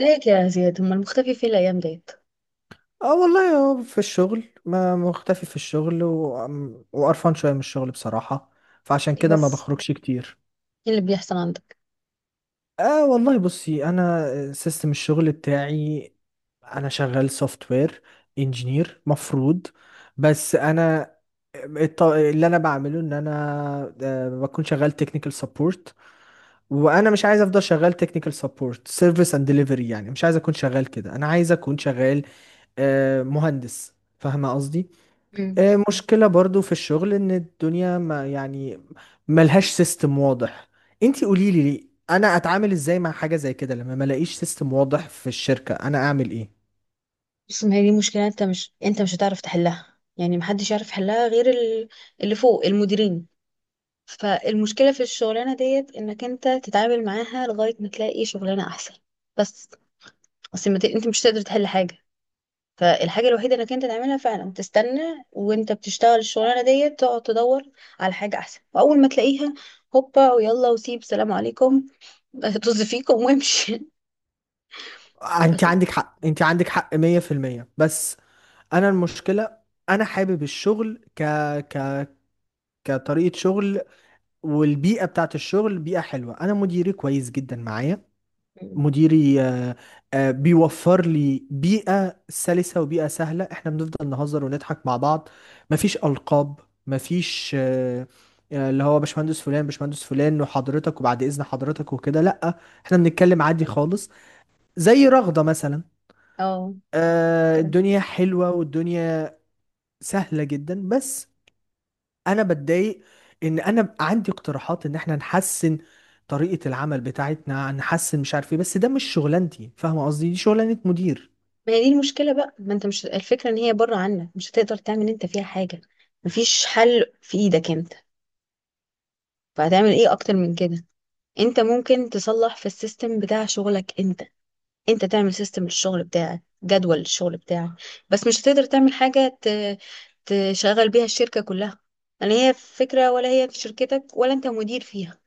ليك يا زياد، هما المختفي فين الأيام ديت؟ اه، والله هو في الشغل، ما مختفي. في الشغل وقرفان شوية من الشغل بصراحة. فعشان كده ما بس بخرجش كتير. ايه اللي بيحصل عندك؟ اه، والله بصي، انا سيستم الشغل بتاعي، انا شغال سوفت وير انجينير مفروض. بس انا اللي انا بعمله ان انا بكون شغال تكنيكال سبورت. وانا مش عايز افضل شغال تكنيكال سبورت سيرفيس اند ديليفري، يعني مش عايز اكون شغال كده، انا عايز اكون شغال مهندس. فاهمه قصدي؟ مم. مشكلة برضو في الشغل ان الدنيا، ما يعني، ملهاش سيستم واضح. انتي قوليلي، لي انا اتعامل ازاي مع حاجة زي كده؟ لما ملاقيش سيستم واضح في الشركة انا اعمل ايه؟ بص، ما هي دي مشكلة، انت مش هتعرف تحلها، يعني محدش يعرف يحلها غير اللي فوق المديرين. فالمشكلة في الشغلانة ديت انك انت تتعامل معاها لغاية ما تلاقي شغلانة احسن. بس اصل ما ت... انت مش تقدر تحل حاجة. فالحاجة الوحيدة انك انت تعملها فعلا تستنى، وانت بتشتغل الشغلانة ديت تقعد تدور على حاجة احسن، واول ما تلاقيها هوبا ويلا وسيب سلام عليكم. طز فيكم وامشي. انتي عندك حق، انتي عندك حق 100%. بس انا المشكلة، انا حابب الشغل ك ك كطريقة شغل. والبيئة بتاعت الشغل بيئة حلوة، انا مديري كويس جدا معايا. مم. مديري بيوفر لي بيئة سلسة وبيئة سهلة. احنا بنفضل نهزر ونضحك مع بعض. مفيش ألقاب، مفيش اللي هو باشمهندس فلان، باشمهندس فلان، وحضرتك وبعد إذن حضرتك وكده. لأ، احنا بنتكلم عادي خالص، زي رغدة مثلا. اه، كده. الدنيا حلوة، والدنيا سهلة جدا. بس أنا بتضايق إن أنا عندي اقتراحات إن احنا نحسن طريقة العمل بتاعتنا، نحسن مش عارف ايه. بس ده مش شغلانتي، فاهمة قصدي؟ دي شغلانة مدير. ما هي دي المشكلة بقى، ما انت مش الفكرة ان هي بره عنك، مش هتقدر تعمل انت فيها حاجة. مفيش حل في ايدك انت، فهتعمل ايه اكتر من كده؟ انت ممكن تصلح في السيستم بتاع شغلك انت، انت تعمل سيستم للشغل بتاعك، جدول للشغل بتاعك، بس مش هتقدر تعمل حاجة تشغل بيها الشركة كلها. لا هي فكرة، ولا هي في شركتك، ولا انت مدير فيها.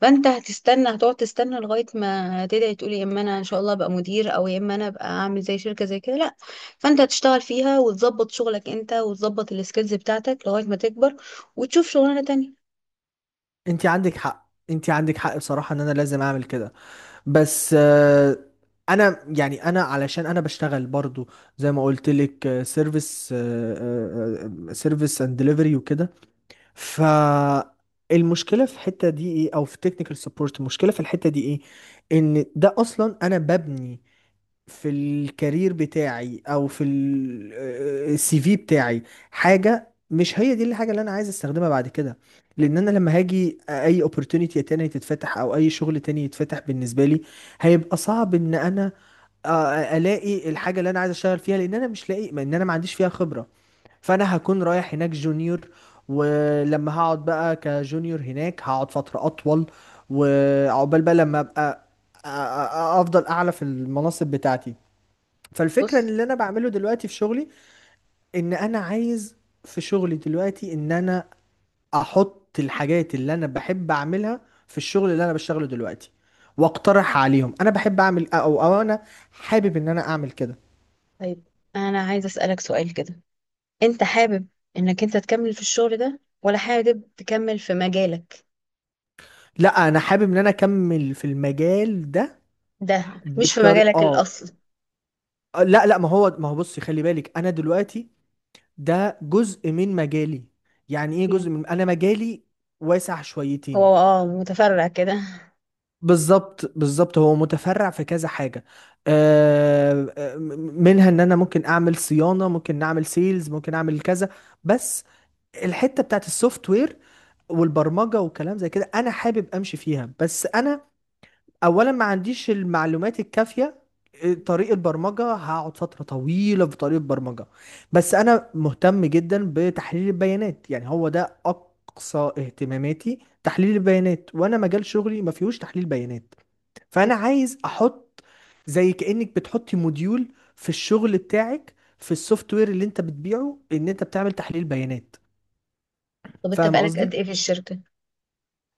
فانت هتستنى، هتقعد تستنى لغايه ما تدعي تقولي يا اما انا ان شاء الله ابقى مدير، او يا اما انا ابقى اعمل زي شركه زي كده، لا. فانت هتشتغل فيها وتظبط شغلك انت وتظبط السكيلز بتاعتك لغايه ما تكبر وتشوف شغلانه تانية. انت عندك حق، انت عندك حق بصراحة ان انا لازم اعمل كده. بس انا، يعني انا علشان انا بشتغل برضو، زي ما قلت لك، سيرفيس اند ديليفري وكده. فالمشكلة في الحتة دي ايه، او في تكنيكال سبورت المشكلة في الحتة دي ايه؟ ان ده اصلا انا ببني في الكارير بتاعي او في السي في بتاعي حاجه مش هي دي الحاجه اللي انا عايز استخدمها بعد كده. لان انا لما هاجي اي opportunity تاني تتفتح، او اي شغل تاني يتفتح بالنسبه لي، هيبقى صعب ان انا الاقي الحاجه اللي انا عايز اشتغل فيها، لان انا مش لاقي، ما ان انا ما عنديش فيها خبره. فانا هكون رايح هناك جونيور، ولما هقعد بقى كجونيور هناك هقعد فتره اطول. وعقبال بقى لما ابقى أ- أ- افضل اعلى في المناصب بتاعتي. فالفكرة ان بص. اللي انا بعمله دلوقتي في شغلي، ان انا عايز في شغلي دلوقتي ان انا احط الحاجات اللي انا بحب اعملها في الشغل اللي انا بشتغله دلوقتي، واقترح عليهم انا بحب اعمل او انا حابب ان انا اعمل كده. طيب انا عايزه اسالك سؤال كده، انت حابب انك انت تكمل في الشغل ده، ولا حابب تكمل في مجالك؟ لا، انا حابب ان انا اكمل في المجال ده ده مش في بالطريقة، مجالك اه. الاصل. لا لا، ما هو، بصي، خلي بالك، انا دلوقتي ده جزء من مجالي. يعني ايه Yeah. جزء من، انا مجالي واسع شويتين. هو متفرع كده. بالظبط، بالظبط، هو متفرع في كذا حاجة. آه، آه، منها ان انا ممكن اعمل صيانة، ممكن نعمل سيلز، ممكن اعمل كذا. بس الحتة بتاعت السوفت وير والبرمجة والكلام زي كده، انا حابب امشي فيها. بس انا اولا ما عنديش المعلومات الكافية. طريق البرمجة هقعد فترة طويلة في طريق البرمجة. بس انا مهتم جدا بتحليل البيانات، يعني هو ده اقصى اهتماماتي، تحليل البيانات. وانا مجال شغلي ما فيهوش تحليل بيانات. فانا عايز احط، زي كأنك بتحطي موديول في الشغل بتاعك، في السوفت وير اللي انت بتبيعه، ان انت بتعمل تحليل بيانات. طب انت فاهم بقالك قصدي؟ قد ايه في الشركه؟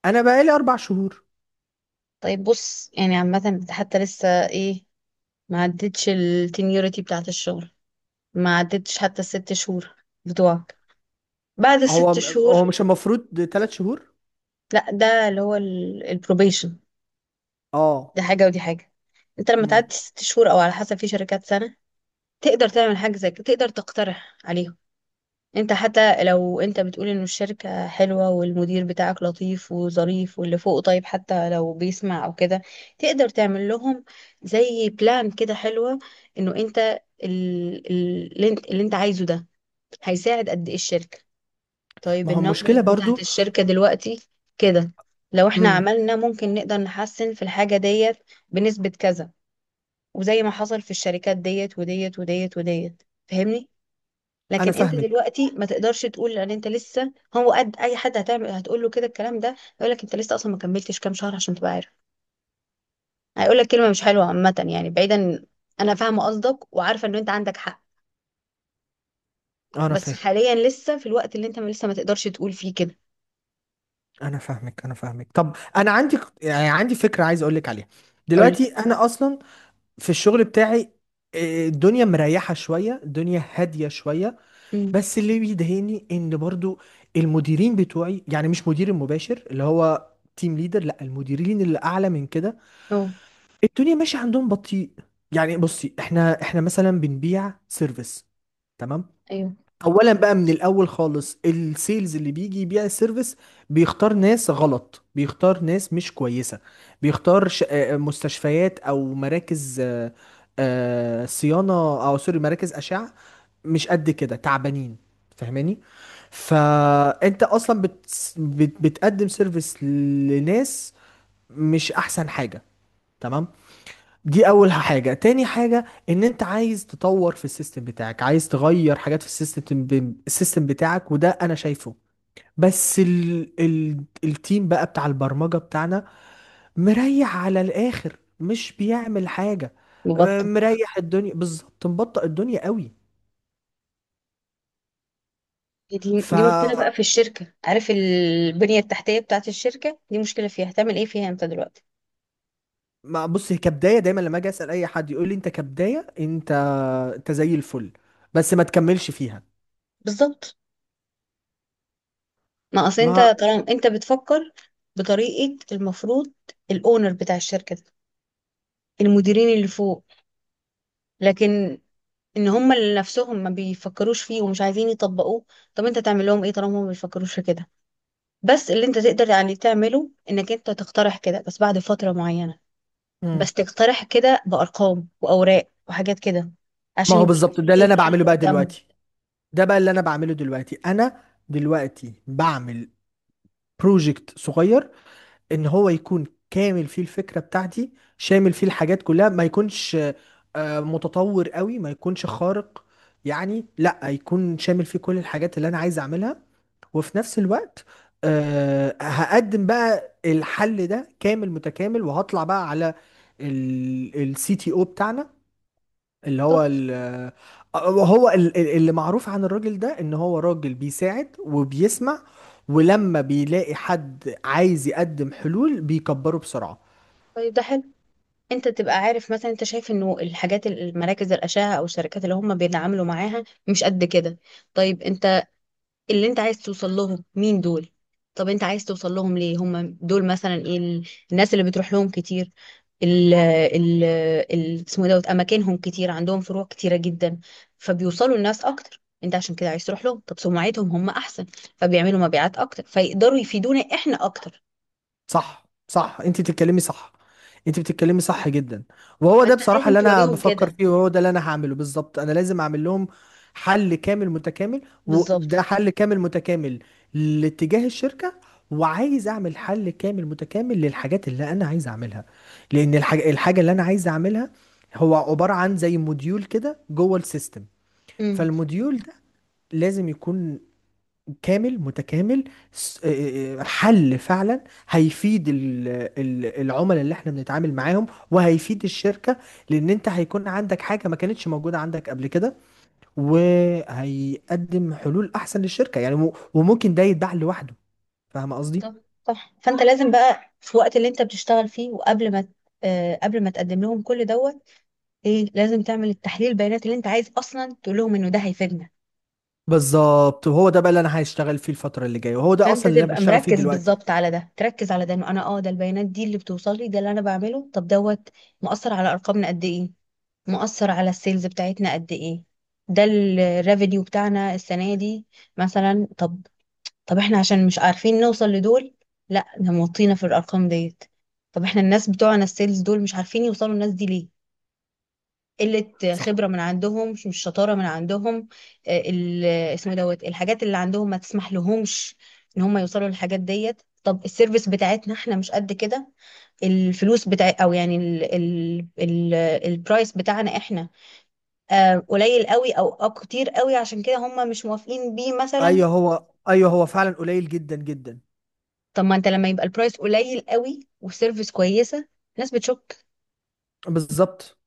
انا بقالي 4 شهور. طيب بص، يعني عامة حتى لسه ايه؟ ما عدتش التينيوريتي بتاعة الشغل، ما عدتش حتى الست شهور بتوعك. بعد هو الست هو شهور. مش المفروض 3 شهور؟ لا، ده اللي هو البروبيشن. اه. دي حاجة ودي حاجة. انت لما مم. تعدي ست شهور، او على حسب في شركات سنة، تقدر تعمل حاجة زي كده، تقدر تقترح عليهم. انت حتى لو انت بتقول ان الشركة حلوة والمدير بتاعك لطيف وظريف، واللي فوقه طيب حتى لو بيسمع او كده، تقدر تعمل لهم زي بلان كده حلوة. انه انت اللي انت عايزه ده هيساعد قد ايه الشركة. طيب ما هو المشكله النمبرز بتاعت برضو. الشركة دلوقتي كده، لو احنا امم. عملنا ممكن نقدر نحسن في الحاجة ديت بنسبة كذا، وزي ما حصل في الشركات ديت وديت وديت وديت، فاهمني؟ انا لكن انت فاهمك. دلوقتي ما تقدرش تقول ان انت لسه هو قد اي حد، هتعمل هتقول له كده الكلام ده هيقول لك انت لسه اصلا ما كملتش كام شهر عشان تبقى عارف. هيقول لك كلمة مش حلوة عامة، يعني بعيدا. انا فاهمة قصدك وعارفة ان انت عندك حق، انا بس فاهم. حاليا لسه في الوقت اللي انت لسه ما تقدرش تقول فيه كده. انا فاهمك، انا فاهمك. طب انا عندي، يعني عندي فكره عايز اقول لك عليها. قولي. دلوقتي انا اصلا في الشغل بتاعي، الدنيا مريحه شويه، الدنيا هاديه شويه. امم. بس اللي بيضايقني ان برضو المديرين بتوعي، يعني مش مدير المباشر اللي هو تيم ليدر، لا، المديرين اللي اعلى من كده، اه. الدنيا ماشيه عندهم بطيء. يعني بصي، احنا مثلا بنبيع سيرفيس، تمام. ايوه. اولا بقى من الاول خالص، السيلز اللي بيجي يبيع السيرفيس بيختار ناس غلط، بيختار ناس مش كويسه، بيختار مستشفيات او مراكز صيانه، او سوري، مراكز اشعه مش قد كده تعبانين، فاهماني؟ فانت اصلا بتقدم سيرفيس لناس مش احسن حاجة، تمام. دي اول حاجة. تاني حاجة ان انت عايز تطور في السيستم بتاعك، عايز تغير حاجات في السيستم السيستم بتاعك، وده انا شايفه. بس التيم بقى بتاع البرمجة بتاعنا مريح على الاخر، مش بيعمل حاجة. مبطط. مريح الدنيا بالظبط، مبطئ الدنيا قوي. دي ف دي مشكله بقى في الشركه، عارف، البنيه التحتيه بتاعه الشركه دي مشكله فيها، هتعمل ايه فيها انت دلوقتي؟ ما بص، هي كبدايه دايما، لما اجي اسال اي حد يقول لي انت كبدايه انت زي الفل، بس ما تكملش فيها. بالظبط. ما اصل انت ما طالما انت بتفكر بطريقه المفروض الاونر بتاع الشركه ده، المديرين اللي فوق، لكن ان هم اللي نفسهم ما بيفكروش فيه ومش عايزين يطبقوه، طب انت تعمل لهم ايه طالما هم ما بيفكروش في كده؟ بس اللي انت تقدر يعني تعمله انك انت تقترح كده، بس بعد فتره معينه. مم. بس تقترح كده بأرقام وأوراق وحاجات كده ما عشان هو يبقوا بالظبط شايفين ده اللي انا البلان بعمله اللي بقى قدامهم. دلوقتي. ده بقى اللي انا بعمله دلوقتي، انا دلوقتي بعمل بروجكت صغير، ان هو يكون كامل فيه الفكره بتاعتي، شامل فيه الحاجات كلها، ما يكونش متطور قوي، ما يكونش خارق. يعني لا يكون شامل فيه كل الحاجات اللي انا عايز اعملها. وفي نفس الوقت هقدم بقى الحل ده كامل متكامل. وهطلع بقى على السي تي او بتاعنا، اللي طب هو وهو اللي معروف عن الراجل ده ان هو راجل بيساعد وبيسمع، ولما بيلاقي حد عايز يقدم حلول بيكبره بسرعة. طيب، ده حلو. انت تبقى عارف مثلا، انت شايف انه الحاجات المراكز الأشعة او الشركات اللي هم بيتعاملوا معاها مش قد كده. طيب انت، اللي انت عايز توصل لهم مين دول؟ طب انت عايز توصل لهم ليه هم دول، مثلا ايه الناس اللي بتروح لهم كتير، ال ال اسمه ايه دوت، اماكنهم كتير، عندهم فروع كتيره جدا فبيوصلوا الناس اكتر، انت عشان كده عايز تروح لهم. طب سمعتهم هم احسن فبيعملوا مبيعات اكتر فيقدروا يفيدونا احنا اكتر. صح، صح، انت بتتكلمي صح، انت بتتكلمي صح جدا. وهو ده فانت بصراحة لازم اللي انا توريهم بفكر كده. فيه، وهو ده اللي انا هعمله بالظبط، انا لازم اعمل لهم حل كامل متكامل. وده بالظبط. حل كامل متكامل لاتجاه الشركة، وعايز اعمل حل كامل متكامل للحاجات اللي انا عايز اعملها. لان الحاجة اللي انا عايز اعملها هو عبارة عن زي موديول كده جوه السيستم. امم. فالموديول ده لازم يكون كامل متكامل، حل فعلا هيفيد العملاء اللي احنا بنتعامل معاهم، وهيفيد الشركة. لان انت هيكون عندك حاجة ما كانتش موجودة عندك قبل كده، وهيقدم حلول احسن للشركة. يعني وممكن ده يتباع لوحده، فاهم قصدي؟ طب صح، فانت لازم بقى في الوقت اللي انت بتشتغل فيه وقبل ما قبل ما تقدم لهم كل دوت ايه، لازم تعمل التحليل البيانات اللي انت عايز اصلا تقول لهم انه ده هيفيدنا. بالظبط، وهو ده بقى اللي انا هشتغل فيه الفترة اللي جاية، وهو ده فانت اصلا اللي انا تبقى بشتغل فيه مركز دلوقتي. بالظبط على ده، تركز على ده انه انا ده البيانات دي اللي بتوصل لي، ده اللي انا بعمله. طب دوت مؤثر على ارقامنا قد ايه؟ مؤثر على السيلز بتاعتنا قد ايه؟ ده الريفينيو بتاعنا السنه دي مثلا. طب احنا عشان مش عارفين نوصل لدول، لا احنا موطينا في الارقام ديت. طب احنا الناس بتوعنا السيلز دول مش عارفين يوصلوا الناس دي ليه؟ قلة صح. خبرة من عندهم، مش شطارة من عندهم. اسمه دوت، الحاجات اللي عندهم ما تسمح لهمش ان هم يوصلوا للحاجات ديت. طب السيرفيس بتاعتنا احنا مش قد كده. الفلوس بتاع، او يعني ال ال ال البرايس بتاعنا احنا قليل قوي، او كتير قوي، عشان كده هم مش موافقين بيه مثلا. ايوه، هو فعلا قليل جدا جدا. طب ما انت لما يبقى البرايس قليل قوي والسيرفيس كويسة الناس بتشك. بالظبط.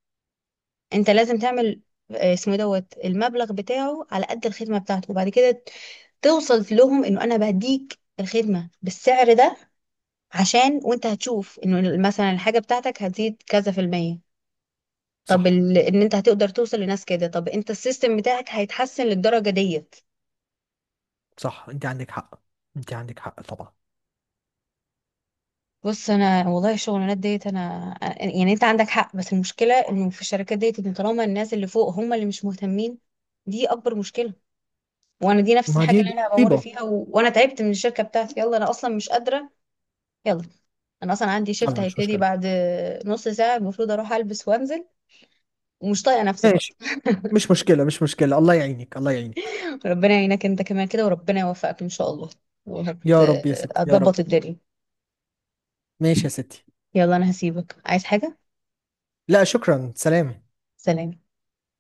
انت لازم تعمل اسمه إيه دوت، المبلغ بتاعه على قد الخدمه بتاعته، وبعد كده توصل لهم انه انا بهديك الخدمه بالسعر ده، عشان وانت هتشوف انه مثلا الحاجه بتاعتك هتزيد كذا في المية. طب صح، ان انت هتقدر توصل لناس كده، طب انت السيستم بتاعك هيتحسن للدرجه ديت. صح، انت عندك حق، انت عندك حق طبعا. بص انا والله الشغلانات ديت، انا يعني انت عندك حق، بس المشكله انه في الشركات ديت ان طالما الناس اللي فوق هم اللي مش مهتمين، دي اكبر مشكله. وانا دي نفس ما الحاجه دي اللي دي انا بمر مصيبة. فيها، وانا تعبت من الشركه بتاعتي، يلا انا اصلا مش قادره. يلا، انا اصلا عندي شيفت يلا، مش هيبتدي مشكلة. بعد نص ساعه، المفروض اروح البس وانزل، ومش طايقه نفسي برضه. ماشي، مش مشكلة، مش مشكلة. الله يعينك، الله يعينك. ربنا يعينك انت كمان كده، وربنا يوفقك ان شاء الله. وهت يا رب يا ستي، يا رب. هتظبط الدنيا. ماشي يا ستي. يلا انا هسيبك، عايز حاجه؟ لا، شكرا، سلام. سلام.